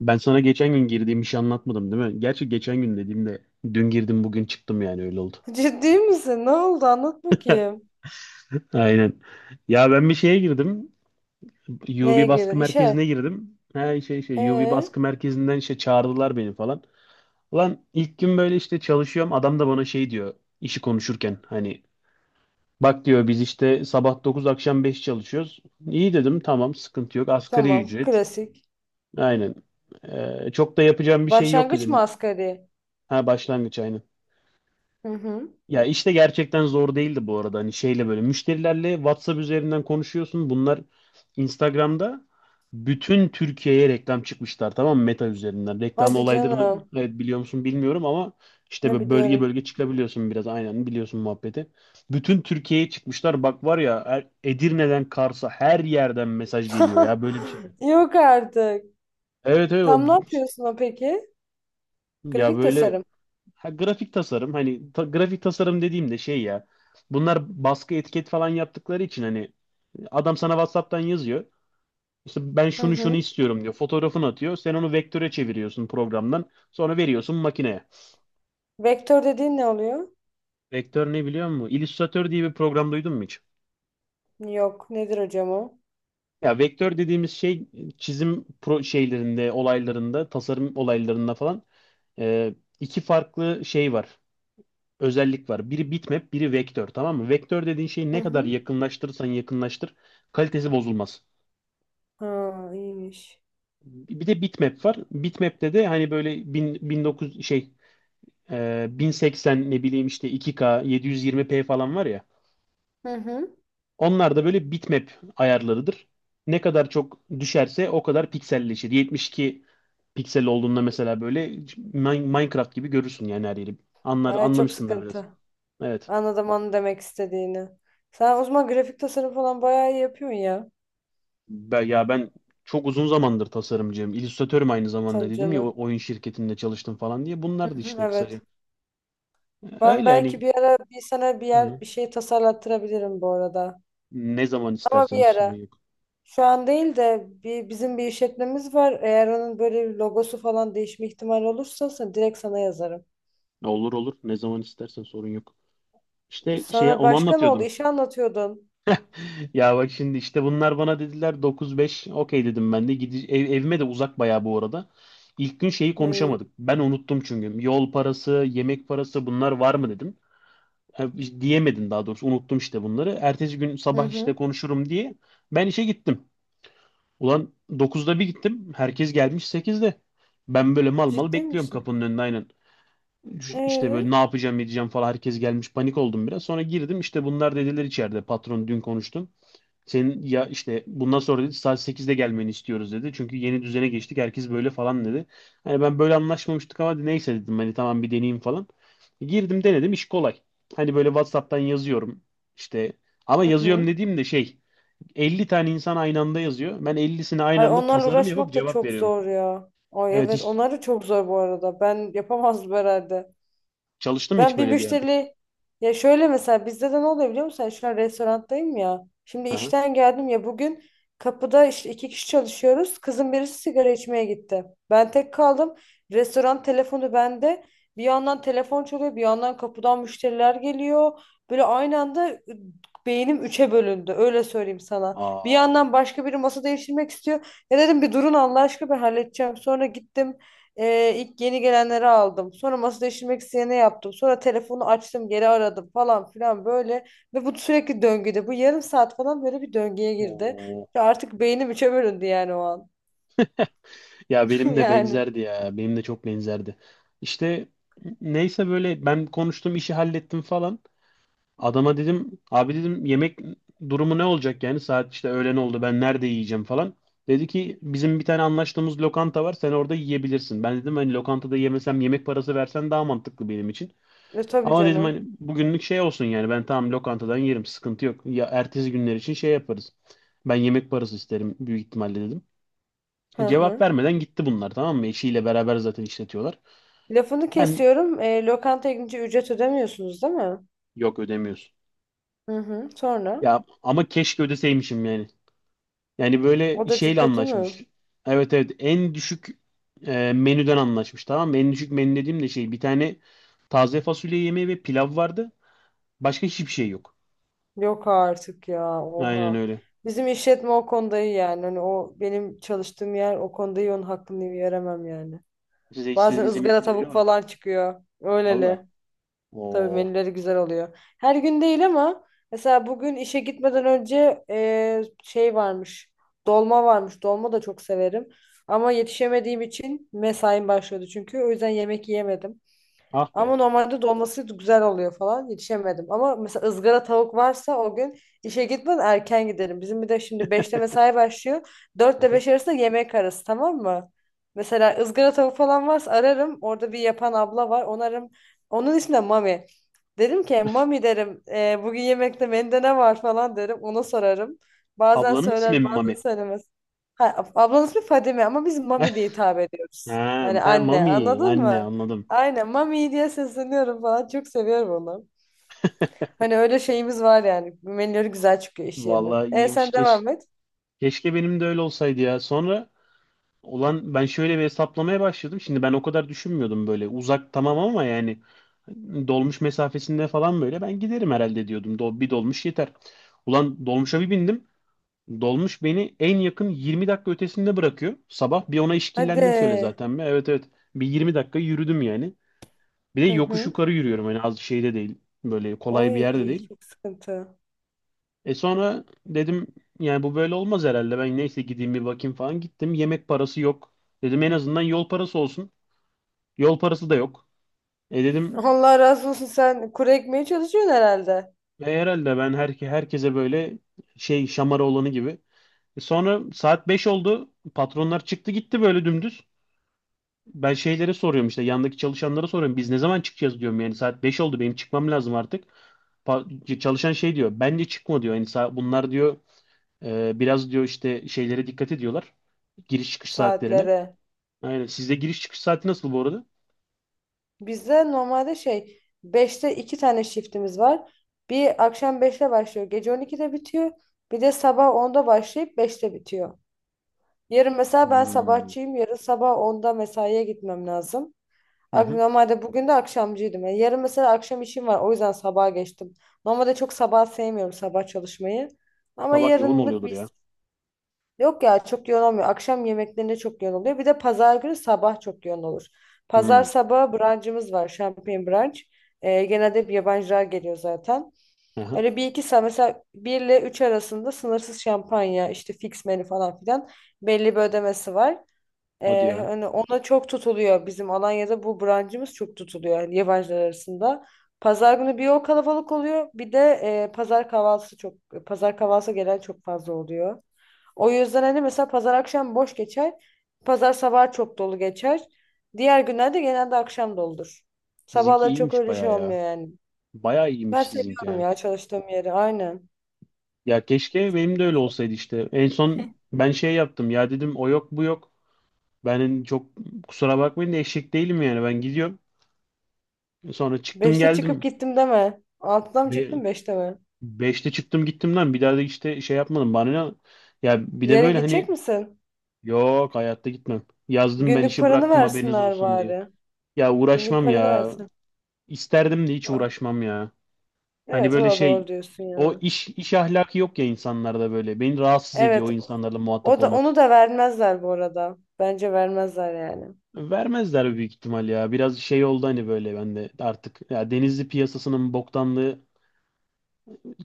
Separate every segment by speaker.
Speaker 1: Ben sana geçen gün girdiğim işi anlatmadım, değil mi? Gerçi geçen gün dediğimde dün girdim, bugün çıktım, yani öyle oldu.
Speaker 2: Ciddi misin? Ne oldu? Anlat bakayım.
Speaker 1: Aynen. Ya ben bir şeye girdim.
Speaker 2: Neye
Speaker 1: UV
Speaker 2: girdin?
Speaker 1: baskı
Speaker 2: İşe.
Speaker 1: merkezine girdim. Her şey UV
Speaker 2: Ee,
Speaker 1: baskı merkezinden işte çağırdılar beni falan. Ulan ilk gün böyle işte çalışıyorum. Adam da bana şey diyor işi konuşurken, hani bak diyor biz işte sabah 9 akşam 5 çalışıyoruz. İyi dedim, tamam sıkıntı yok, asgari
Speaker 2: tamam.
Speaker 1: ücret.
Speaker 2: Klasik.
Speaker 1: Aynen. Çok da yapacağım bir şey yok
Speaker 2: Başlangıç mı
Speaker 1: dedim.
Speaker 2: asgari?
Speaker 1: Ha, başlangıç aynen.
Speaker 2: Hı hı.
Speaker 1: Ya işte gerçekten zor değildi bu arada. Hani şeyle böyle müşterilerle WhatsApp üzerinden konuşuyorsun. Bunlar Instagram'da bütün Türkiye'ye reklam çıkmışlar, tamam mı? Meta üzerinden. Reklam
Speaker 2: Hadi
Speaker 1: olaylarını,
Speaker 2: canım.
Speaker 1: evet, biliyor musun bilmiyorum ama işte
Speaker 2: Ne
Speaker 1: böyle bölge
Speaker 2: biliyorum.
Speaker 1: bölge çıkabiliyorsun biraz, aynen, biliyorsun muhabbeti. Bütün Türkiye'ye çıkmışlar. Bak var ya, Edirne'den Kars'a her yerden mesaj geliyor, ya böyle bir şey yok.
Speaker 2: Yok artık.
Speaker 1: Evet
Speaker 2: Tam ne
Speaker 1: evet,
Speaker 2: yapıyorsun o peki?
Speaker 1: ya
Speaker 2: Grafik
Speaker 1: böyle.
Speaker 2: tasarım.
Speaker 1: Ha, grafik tasarım hani grafik tasarım dediğimde şey, ya bunlar baskı etiket falan yaptıkları için hani adam sana WhatsApp'tan yazıyor. İşte ben
Speaker 2: Hı
Speaker 1: şunu şunu
Speaker 2: hı.
Speaker 1: istiyorum diyor. Fotoğrafını atıyor. Sen onu vektöre çeviriyorsun programdan. Sonra veriyorsun makineye.
Speaker 2: Vektör dediğin ne oluyor?
Speaker 1: Vektör ne, biliyor musun? Illustrator diye bir program duydun mu hiç?
Speaker 2: Yok. Nedir hocam o?
Speaker 1: Ya vektör dediğimiz şey çizim pro şeylerinde, olaylarında, tasarım olaylarında falan, e, iki farklı şey var. Özellik var. Biri bitmap, biri vektör, tamam mı? Vektör dediğin şeyi
Speaker 2: Hı
Speaker 1: ne kadar
Speaker 2: hı.
Speaker 1: yakınlaştırırsan yakınlaştır kalitesi bozulmaz.
Speaker 2: Ha, iyiymiş.
Speaker 1: Bir de bitmap var. Bitmap'te de hani böyle 1000, 1900 şey, 1080, ne bileyim işte 2K 720p falan var ya.
Speaker 2: Hı hı.
Speaker 1: Onlar da böyle bitmap ayarlarıdır. Ne kadar çok düşerse o kadar pikselleşir. 72 piksel olduğunda mesela böyle Minecraft gibi görürsün yani her yeri. Anlar,
Speaker 2: Aa, çok
Speaker 1: anlamışsın da biraz.
Speaker 2: sıkıntı.
Speaker 1: Evet.
Speaker 2: Anladım onu demek istediğini. Sen o zaman grafik tasarım falan bayağı iyi yapıyorsun ya.
Speaker 1: Ben çok uzun zamandır tasarımcıyım. İllüstratörüm aynı zamanda,
Speaker 2: Tabii
Speaker 1: dedim ya
Speaker 2: canım.
Speaker 1: oyun şirketinde çalıştım falan diye.
Speaker 2: Hı
Speaker 1: Bunlar da
Speaker 2: hı,
Speaker 1: işte kısaca.
Speaker 2: evet. Ben
Speaker 1: Öyle
Speaker 2: belki
Speaker 1: hani,
Speaker 2: bir ara sana bir
Speaker 1: hı.
Speaker 2: yer bir şey tasarlattırabilirim bu arada.
Speaker 1: Ne zaman
Speaker 2: Ama
Speaker 1: istersen
Speaker 2: bir
Speaker 1: hiç sorun
Speaker 2: ara.
Speaker 1: yok.
Speaker 2: Şu an değil de bir, bizim bir işletmemiz var. Eğer onun böyle bir logosu falan değişme ihtimali olursa sen, direkt sana yazarım.
Speaker 1: Olur olur. Ne zaman istersen sorun yok. İşte şeye
Speaker 2: Sonra
Speaker 1: onu
Speaker 2: başka ne oldu?
Speaker 1: anlatıyordum.
Speaker 2: İşi anlatıyordun.
Speaker 1: Ya bak şimdi işte bunlar bana dediler 9-5, okey dedim ben de. Evime de uzak bayağı bu arada. İlk gün şeyi
Speaker 2: Ay.
Speaker 1: konuşamadık. Ben unuttum çünkü. Yol parası, yemek parası, bunlar var mı dedim. Ha, hiç diyemedim, daha doğrusu unuttum işte bunları. Ertesi gün
Speaker 2: Hı
Speaker 1: sabah işte
Speaker 2: hı.
Speaker 1: konuşurum diye ben işe gittim. Ulan 9'da bir gittim. Herkes gelmiş 8'de. Ben böyle mal mal
Speaker 2: Ciddi
Speaker 1: bekliyorum
Speaker 2: misin?
Speaker 1: kapının önünde, aynen. İşte
Speaker 2: Ee?
Speaker 1: böyle ne yapacağım edeceğim falan, herkes gelmiş panik oldum biraz. Sonra girdim, işte bunlar dediler içeride patron dün konuştum. Senin ya işte bundan sonra, dedi, saat 8'de gelmeni istiyoruz dedi. Çünkü yeni düzene geçtik, herkes böyle falan dedi. Hani ben böyle anlaşmamıştık ama neyse dedim hani tamam, bir deneyeyim falan. Girdim denedim, iş kolay. Hani böyle WhatsApp'tan yazıyorum işte, ama
Speaker 2: Hı
Speaker 1: yazıyorum
Speaker 2: hı.
Speaker 1: dediğim de şey, 50 tane insan aynı anda yazıyor. Ben 50'sine aynı
Speaker 2: Ay
Speaker 1: anda
Speaker 2: onlarla
Speaker 1: tasarım yapıp
Speaker 2: uğraşmak da
Speaker 1: cevap
Speaker 2: çok
Speaker 1: veriyorum.
Speaker 2: zor ya. Ay
Speaker 1: Evet,
Speaker 2: evet
Speaker 1: hiç
Speaker 2: onları çok zor bu arada. Ben yapamazdım herhalde.
Speaker 1: çalıştın mı hiç
Speaker 2: Ben bir
Speaker 1: böyle bir yerde?
Speaker 2: müşteri ya şöyle mesela bizde de ne oluyor biliyor musun? Yani şu an restoranttayım ya. Şimdi
Speaker 1: Aha.
Speaker 2: işten geldim ya bugün kapıda işte 2 kişi çalışıyoruz. Kızın birisi sigara içmeye gitti. Ben tek kaldım. Restoran telefonu bende. Bir yandan telefon çalıyor, bir yandan kapıdan müşteriler geliyor. Böyle aynı anda beynim üçe bölündü. Öyle söyleyeyim sana. Bir
Speaker 1: Aa.
Speaker 2: yandan başka biri masa değiştirmek istiyor. Ya dedim bir durun Allah aşkına ben halledeceğim. Sonra gittim. İlk yeni gelenleri aldım. Sonra masada işlemek isteyene yaptım. Sonra telefonu açtım, geri aradım falan filan böyle. Ve bu sürekli döngüde. Bu yarım saat falan böyle bir döngüye girdi.
Speaker 1: Oo.
Speaker 2: Ve artık beynim üçe bölündü yani o an.
Speaker 1: Ya benim de
Speaker 2: Yani.
Speaker 1: benzerdi ya. Benim de çok benzerdi. İşte neyse böyle ben konuştum, işi hallettim falan. Adama dedim abi, dedim yemek durumu ne olacak yani, saat işte öğlen oldu, ben nerede yiyeceğim falan. Dedi ki bizim bir tane anlaştığımız lokanta var, sen orada yiyebilirsin. Ben dedim hani lokantada yemesem yemek parası versen daha mantıklı benim için.
Speaker 2: E, tabii
Speaker 1: Ama dedim
Speaker 2: canım.
Speaker 1: hani bugünlük şey olsun yani, ben tamam lokantadan yerim, sıkıntı yok. Ya ertesi günler için şey yaparız. Ben yemek parası isterim büyük ihtimalle dedim.
Speaker 2: Hı
Speaker 1: Cevap
Speaker 2: hı.
Speaker 1: vermeden gitti bunlar, tamam mı? Eşiyle beraber zaten işletiyorlar.
Speaker 2: Lafını
Speaker 1: Ben,
Speaker 2: kesiyorum. E, lokantaya gidince ücret ödemiyorsunuz değil mi?
Speaker 1: yok ödemiyorsun.
Speaker 2: Hı hı. Sonra?
Speaker 1: Ya ama keşke ödeseymişim yani. Yani böyle
Speaker 2: Odacı
Speaker 1: şeyle
Speaker 2: kötü
Speaker 1: anlaşmış.
Speaker 2: mü?
Speaker 1: Evet evet, en düşük, menüden anlaşmış, tamam mı? En düşük menü dediğim de şey, bir tane taze fasulye yemeği ve pilav vardı. Başka hiçbir şey yok.
Speaker 2: Yok artık ya.
Speaker 1: Aynen
Speaker 2: Oha.
Speaker 1: öyle.
Speaker 2: Bizim işletme o konuda iyi yani. Hani o benim çalıştığım yer o konuda iyi onun hakkını veremem yani.
Speaker 1: Size
Speaker 2: Bazen
Speaker 1: istediğiniz
Speaker 2: ızgara
Speaker 1: yemekleri
Speaker 2: tavuk
Speaker 1: veriyorlar mı?
Speaker 2: falan çıkıyor.
Speaker 1: Valla.
Speaker 2: Öyleli. Tabii
Speaker 1: Oo.
Speaker 2: menüleri güzel oluyor. Her gün değil ama mesela bugün işe gitmeden önce şey varmış. Dolma varmış. Dolma da çok severim. Ama yetişemediğim için mesaim başlıyordu çünkü. O yüzden yemek yiyemedim.
Speaker 1: Ah be.
Speaker 2: Ama normalde dolması güzel oluyor falan. Yetişemedim. Ama mesela ızgara tavuk varsa o gün işe gitmeden erken gidelim. Bizim bir de şimdi beşte mesai başlıyor. 4 ile
Speaker 1: Aha.
Speaker 2: 5 arasında yemek arası tamam mı? Mesela ızgara tavuk falan varsa ararım. Orada bir yapan abla var. Onu ararım. Onun ismi de Mami. Derim ki Mami derim, bugün yemekte menüde ne var" falan derim. Ona sorarım. Bazen
Speaker 1: Ablanın ismi
Speaker 2: söyler
Speaker 1: mi
Speaker 2: bazen
Speaker 1: Mami?
Speaker 2: söylemez. Ha, ablanın ismi Fadime ama biz Mami diye hitap ediyoruz.
Speaker 1: Ha,
Speaker 2: Hani
Speaker 1: ha
Speaker 2: anne
Speaker 1: Mami.
Speaker 2: anladın
Speaker 1: Anne,
Speaker 2: mı?
Speaker 1: anladım.
Speaker 2: Aynen Mami diye sesleniyorum falan. Çok seviyorum onu. Hani öyle şeyimiz var yani. Menüleri güzel çıkıyor iş yerinin.
Speaker 1: Vallahi
Speaker 2: E
Speaker 1: iyiymiş.
Speaker 2: sen devam et.
Speaker 1: Keşke benim de öyle olsaydı ya. Sonra olan ben şöyle bir hesaplamaya başladım. Şimdi ben o kadar düşünmüyordum böyle. Uzak tamam ama yani dolmuş mesafesinde falan böyle ben giderim herhalde diyordum. Bir dolmuş yeter. Ulan dolmuşa bir bindim. Dolmuş beni en yakın 20 dakika ötesinde bırakıyor. Sabah bir ona işkillendim şöyle
Speaker 2: Hadi.
Speaker 1: zaten. Bir. Evet evet. Bir 20 dakika yürüdüm yani. Bir de
Speaker 2: Hı
Speaker 1: yokuş
Speaker 2: hı.
Speaker 1: yukarı yürüyorum. Hani az şeyde değil. Böyle kolay bir
Speaker 2: Oy
Speaker 1: yerde değil.
Speaker 2: çok sıkıntı.
Speaker 1: Sonra dedim yani bu böyle olmaz herhalde. Ben neyse gideyim bir bakayım falan, gittim. Yemek parası yok. Dedim en azından yol parası olsun. Yol parası da yok. Dedim
Speaker 2: Allah razı olsun sen kuru ekmeye çalışıyorsun herhalde
Speaker 1: herhalde ben herkese böyle şey, şamara olanı gibi. Sonra saat 5 oldu. Patronlar çıktı gitti böyle dümdüz. Ben şeylere soruyorum işte, yandaki çalışanlara soruyorum. Biz ne zaman çıkacağız diyorum, yani saat 5 oldu, benim çıkmam lazım artık. Çalışan şey diyor. Bence çıkma diyor. Yani bunlar diyor. Biraz diyor işte şeylere dikkat ediyorlar. Giriş çıkış saatlerine.
Speaker 2: saatlere.
Speaker 1: Aynen. Sizde giriş çıkış saati nasıl bu arada?
Speaker 2: Bizde normalde şey beşte 2 tane shiftimiz var. Bir akşam beşte başlıyor. Gece 12'de bitiyor. Bir de sabah onda başlayıp beşte bitiyor. Yarın mesela ben
Speaker 1: Hmm.
Speaker 2: sabahçıyım. Yarın sabah onda mesaiye gitmem lazım.
Speaker 1: Hı hı.
Speaker 2: Normalde bugün de akşamcıydım. Yani yarın mesela akşam işim var. O yüzden sabaha geçtim. Normalde çok sabah sevmiyorum sabah çalışmayı. Ama
Speaker 1: Sabah yoğun
Speaker 2: yarınlık
Speaker 1: oluyordur
Speaker 2: bir
Speaker 1: ya.
Speaker 2: yok ya çok yoğun olmuyor. Akşam yemeklerinde çok yoğun oluyor. Bir de pazar günü sabah çok yoğun olur. Pazar
Speaker 1: Hmm.
Speaker 2: sabahı brunch'ımız var. Champagne brunch. Genelde hep yabancılar geliyor zaten.
Speaker 1: Hı.
Speaker 2: Öyle bir iki saat mesela bir ile üç arasında sınırsız şampanya işte fix menü falan filan belli bir ödemesi var.
Speaker 1: Hadi ya.
Speaker 2: Hani ona çok tutuluyor. Bizim Alanya'da bu brancımız çok tutuluyor yani yabancılar arasında. Pazar günü bir o kalabalık oluyor. Bir de pazar kahvaltısı çok pazar kahvaltısı gelen çok fazla oluyor. O yüzden hani mesela pazar akşam boş geçer. Pazar sabah çok dolu geçer. Diğer günlerde genelde akşam doludur.
Speaker 1: Sizinki
Speaker 2: Sabahları çok
Speaker 1: iyiymiş
Speaker 2: öyle şey
Speaker 1: bayağı ya.
Speaker 2: olmuyor yani.
Speaker 1: Bayağı
Speaker 2: Ben
Speaker 1: iyiymiş sizinki
Speaker 2: seviyorum
Speaker 1: ya.
Speaker 2: ya çalıştığım yeri. Aynen.
Speaker 1: Ya keşke benim de öyle olsaydı işte. En son ben şey yaptım ya, dedim o yok bu yok. Ben çok, kusura bakmayın da eşek değilim yani, ben gidiyorum. Sonra çıktım
Speaker 2: Beşte çıkıp
Speaker 1: geldim.
Speaker 2: gittim deme. Altıda mı
Speaker 1: Be
Speaker 2: çıktın beşte mi?
Speaker 1: beşte çıktım gittim lan, bir daha da işte şey yapmadım. Bana ne? Ya bir de
Speaker 2: Yarın
Speaker 1: böyle hani.
Speaker 2: gidecek misin?
Speaker 1: Yok, hayatta gitmem. Yazdım ben,
Speaker 2: Günlük
Speaker 1: işi
Speaker 2: paranı
Speaker 1: bıraktım haberiniz
Speaker 2: versinler
Speaker 1: olsun diye.
Speaker 2: bari.
Speaker 1: Ya
Speaker 2: Günlük
Speaker 1: uğraşmam
Speaker 2: paranı
Speaker 1: ya.
Speaker 2: versin.
Speaker 1: İsterdim de hiç
Speaker 2: Aa,
Speaker 1: uğraşmam ya. Hani
Speaker 2: evet o
Speaker 1: böyle
Speaker 2: da doğru
Speaker 1: şey,
Speaker 2: diyorsun
Speaker 1: o
Speaker 2: ya.
Speaker 1: iş ahlakı yok ya insanlarda böyle. Beni rahatsız ediyor
Speaker 2: Evet
Speaker 1: o insanlarla muhatap
Speaker 2: o da
Speaker 1: olmak.
Speaker 2: onu da vermezler bu arada. Bence vermezler yani.
Speaker 1: Vermezler büyük ihtimal ya. Biraz şey oldu hani böyle ben de artık. Ya Denizli piyasasının boktanlığı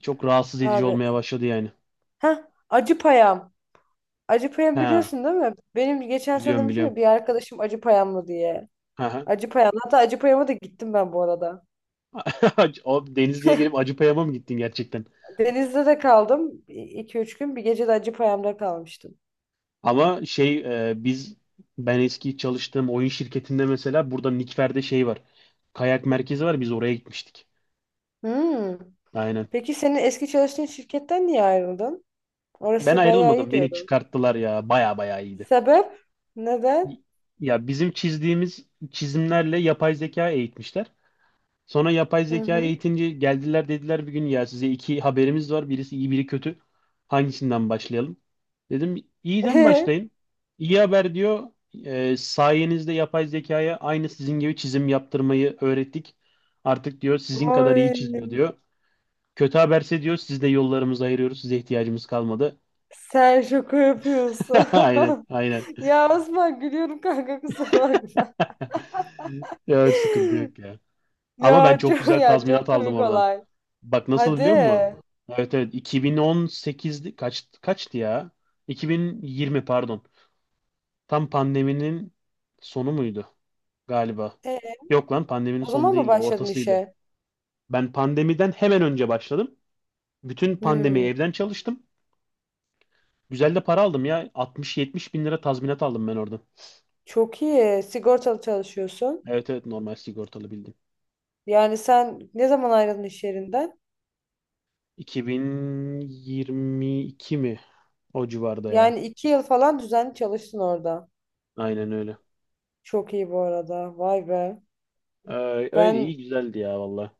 Speaker 1: çok rahatsız edici
Speaker 2: Abi.
Speaker 1: olmaya başladı yani.
Speaker 2: Ha acı payam. Acı payam
Speaker 1: Ha,
Speaker 2: biliyorsun değil mi? Benim geçen sene
Speaker 1: biliyorum
Speaker 2: demiştim
Speaker 1: biliyorum.
Speaker 2: ya bir arkadaşım acı payam mı diye.
Speaker 1: Ha
Speaker 2: Acı payam. Hatta acı payama da gittim ben bu arada.
Speaker 1: ha. O Denizli'ye gelip Acıpayam'a mı gittin gerçekten?
Speaker 2: Denizli'de de kaldım. İki üç gün bir gece de acı payamda kalmıştım.
Speaker 1: Ama şey, e, biz ben eski çalıştığım oyun şirketinde mesela burada Nikfer'de şey var. Kayak merkezi var, biz oraya gitmiştik.
Speaker 2: Hmm.
Speaker 1: Aynen.
Speaker 2: Peki senin eski çalıştığın şirketten niye ayrıldın?
Speaker 1: Ben
Speaker 2: Orası bayağı iyi
Speaker 1: ayrılmadım, beni
Speaker 2: diyordun.
Speaker 1: çıkarttılar, ya baya baya iyiydi.
Speaker 2: Sebep?
Speaker 1: Y-
Speaker 2: Neden?
Speaker 1: Ya bizim çizdiğimiz çizimlerle yapay zeka eğitmişler. Sonra yapay
Speaker 2: Hı
Speaker 1: zeka
Speaker 2: hı.
Speaker 1: eğitince geldiler dediler bir gün, ya size iki haberimiz var. Birisi iyi, biri kötü. Hangisinden başlayalım? Dedim iyiden başlayın. İyi haber diyor, sayenizde yapay zekaya aynı sizin gibi çizim yaptırmayı öğrettik. Artık diyor sizin kadar iyi çiziyor
Speaker 2: Ay,
Speaker 1: diyor. Kötü haberse diyor siz de yollarımızı ayırıyoruz. Size ihtiyacımız kalmadı.
Speaker 2: sen şaka yapıyorsun.
Speaker 1: Aynen aynen.
Speaker 2: Ya Osman gülüyorum kanka kusura bakma.
Speaker 1: Ya sıkıntı yok ya. Ama ben
Speaker 2: Ya
Speaker 1: çok
Speaker 2: çok
Speaker 1: güzel
Speaker 2: ya
Speaker 1: tazminat
Speaker 2: çok
Speaker 1: aldım
Speaker 2: komik
Speaker 1: oradan.
Speaker 2: olay.
Speaker 1: Bak nasıl,
Speaker 2: Hadi.
Speaker 1: biliyor musun? Evet evet, 2018'di, kaç kaçtı ya? 2020, pardon. Tam pandeminin sonu muydu galiba?
Speaker 2: E,
Speaker 1: Yok lan, pandeminin
Speaker 2: o
Speaker 1: sonu
Speaker 2: zaman mı
Speaker 1: değildi,
Speaker 2: başladın
Speaker 1: ortasıydı.
Speaker 2: işe?
Speaker 1: Ben pandemiden hemen önce başladım. Bütün pandemi
Speaker 2: Hmm,
Speaker 1: evden çalıştım. Güzel de para aldım ya. 60-70 bin lira tazminat aldım ben oradan.
Speaker 2: çok iyi. Sigortalı çalışıyorsun.
Speaker 1: Evet evet, normal sigortalı bildim.
Speaker 2: Yani sen ne zaman ayrıldın iş yerinden?
Speaker 1: 2022 mi? O civarda ya.
Speaker 2: Yani 2 yıl falan düzenli çalıştın orada.
Speaker 1: Aynen öyle.
Speaker 2: Çok iyi bu arada. Vay be.
Speaker 1: Öyle
Speaker 2: Ben
Speaker 1: iyi güzeldi ya valla.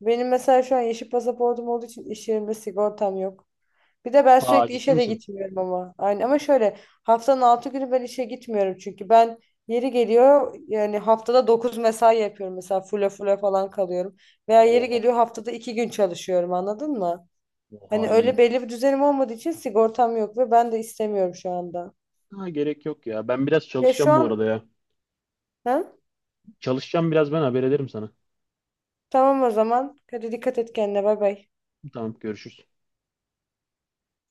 Speaker 2: Benim mesela şu an yeşil pasaportum olduğu için iş yerimde sigortam yok. Bir de ben
Speaker 1: Aa,
Speaker 2: sürekli
Speaker 1: ciddi
Speaker 2: işe de
Speaker 1: misin?
Speaker 2: gitmiyorum ama. Aynı ama şöyle haftanın 6 günü ben işe gitmiyorum çünkü yeri geliyor yani haftada 9 mesai yapıyorum mesela full full falan kalıyorum. Veya yeri
Speaker 1: Oha,
Speaker 2: geliyor haftada 2 gün çalışıyorum anladın mı?
Speaker 1: oha
Speaker 2: Hani öyle
Speaker 1: iyiymiş.
Speaker 2: belli bir düzenim olmadığı için sigortam yok ve ben de istemiyorum şu anda.
Speaker 1: Ha, gerek yok ya. Ben biraz
Speaker 2: Ya şu
Speaker 1: çalışacağım bu
Speaker 2: an
Speaker 1: arada ya.
Speaker 2: ha?
Speaker 1: Çalışacağım biraz, ben haber ederim sana.
Speaker 2: Tamam o zaman. Hadi dikkat et kendine bay bay.
Speaker 1: Tamam, görüşürüz.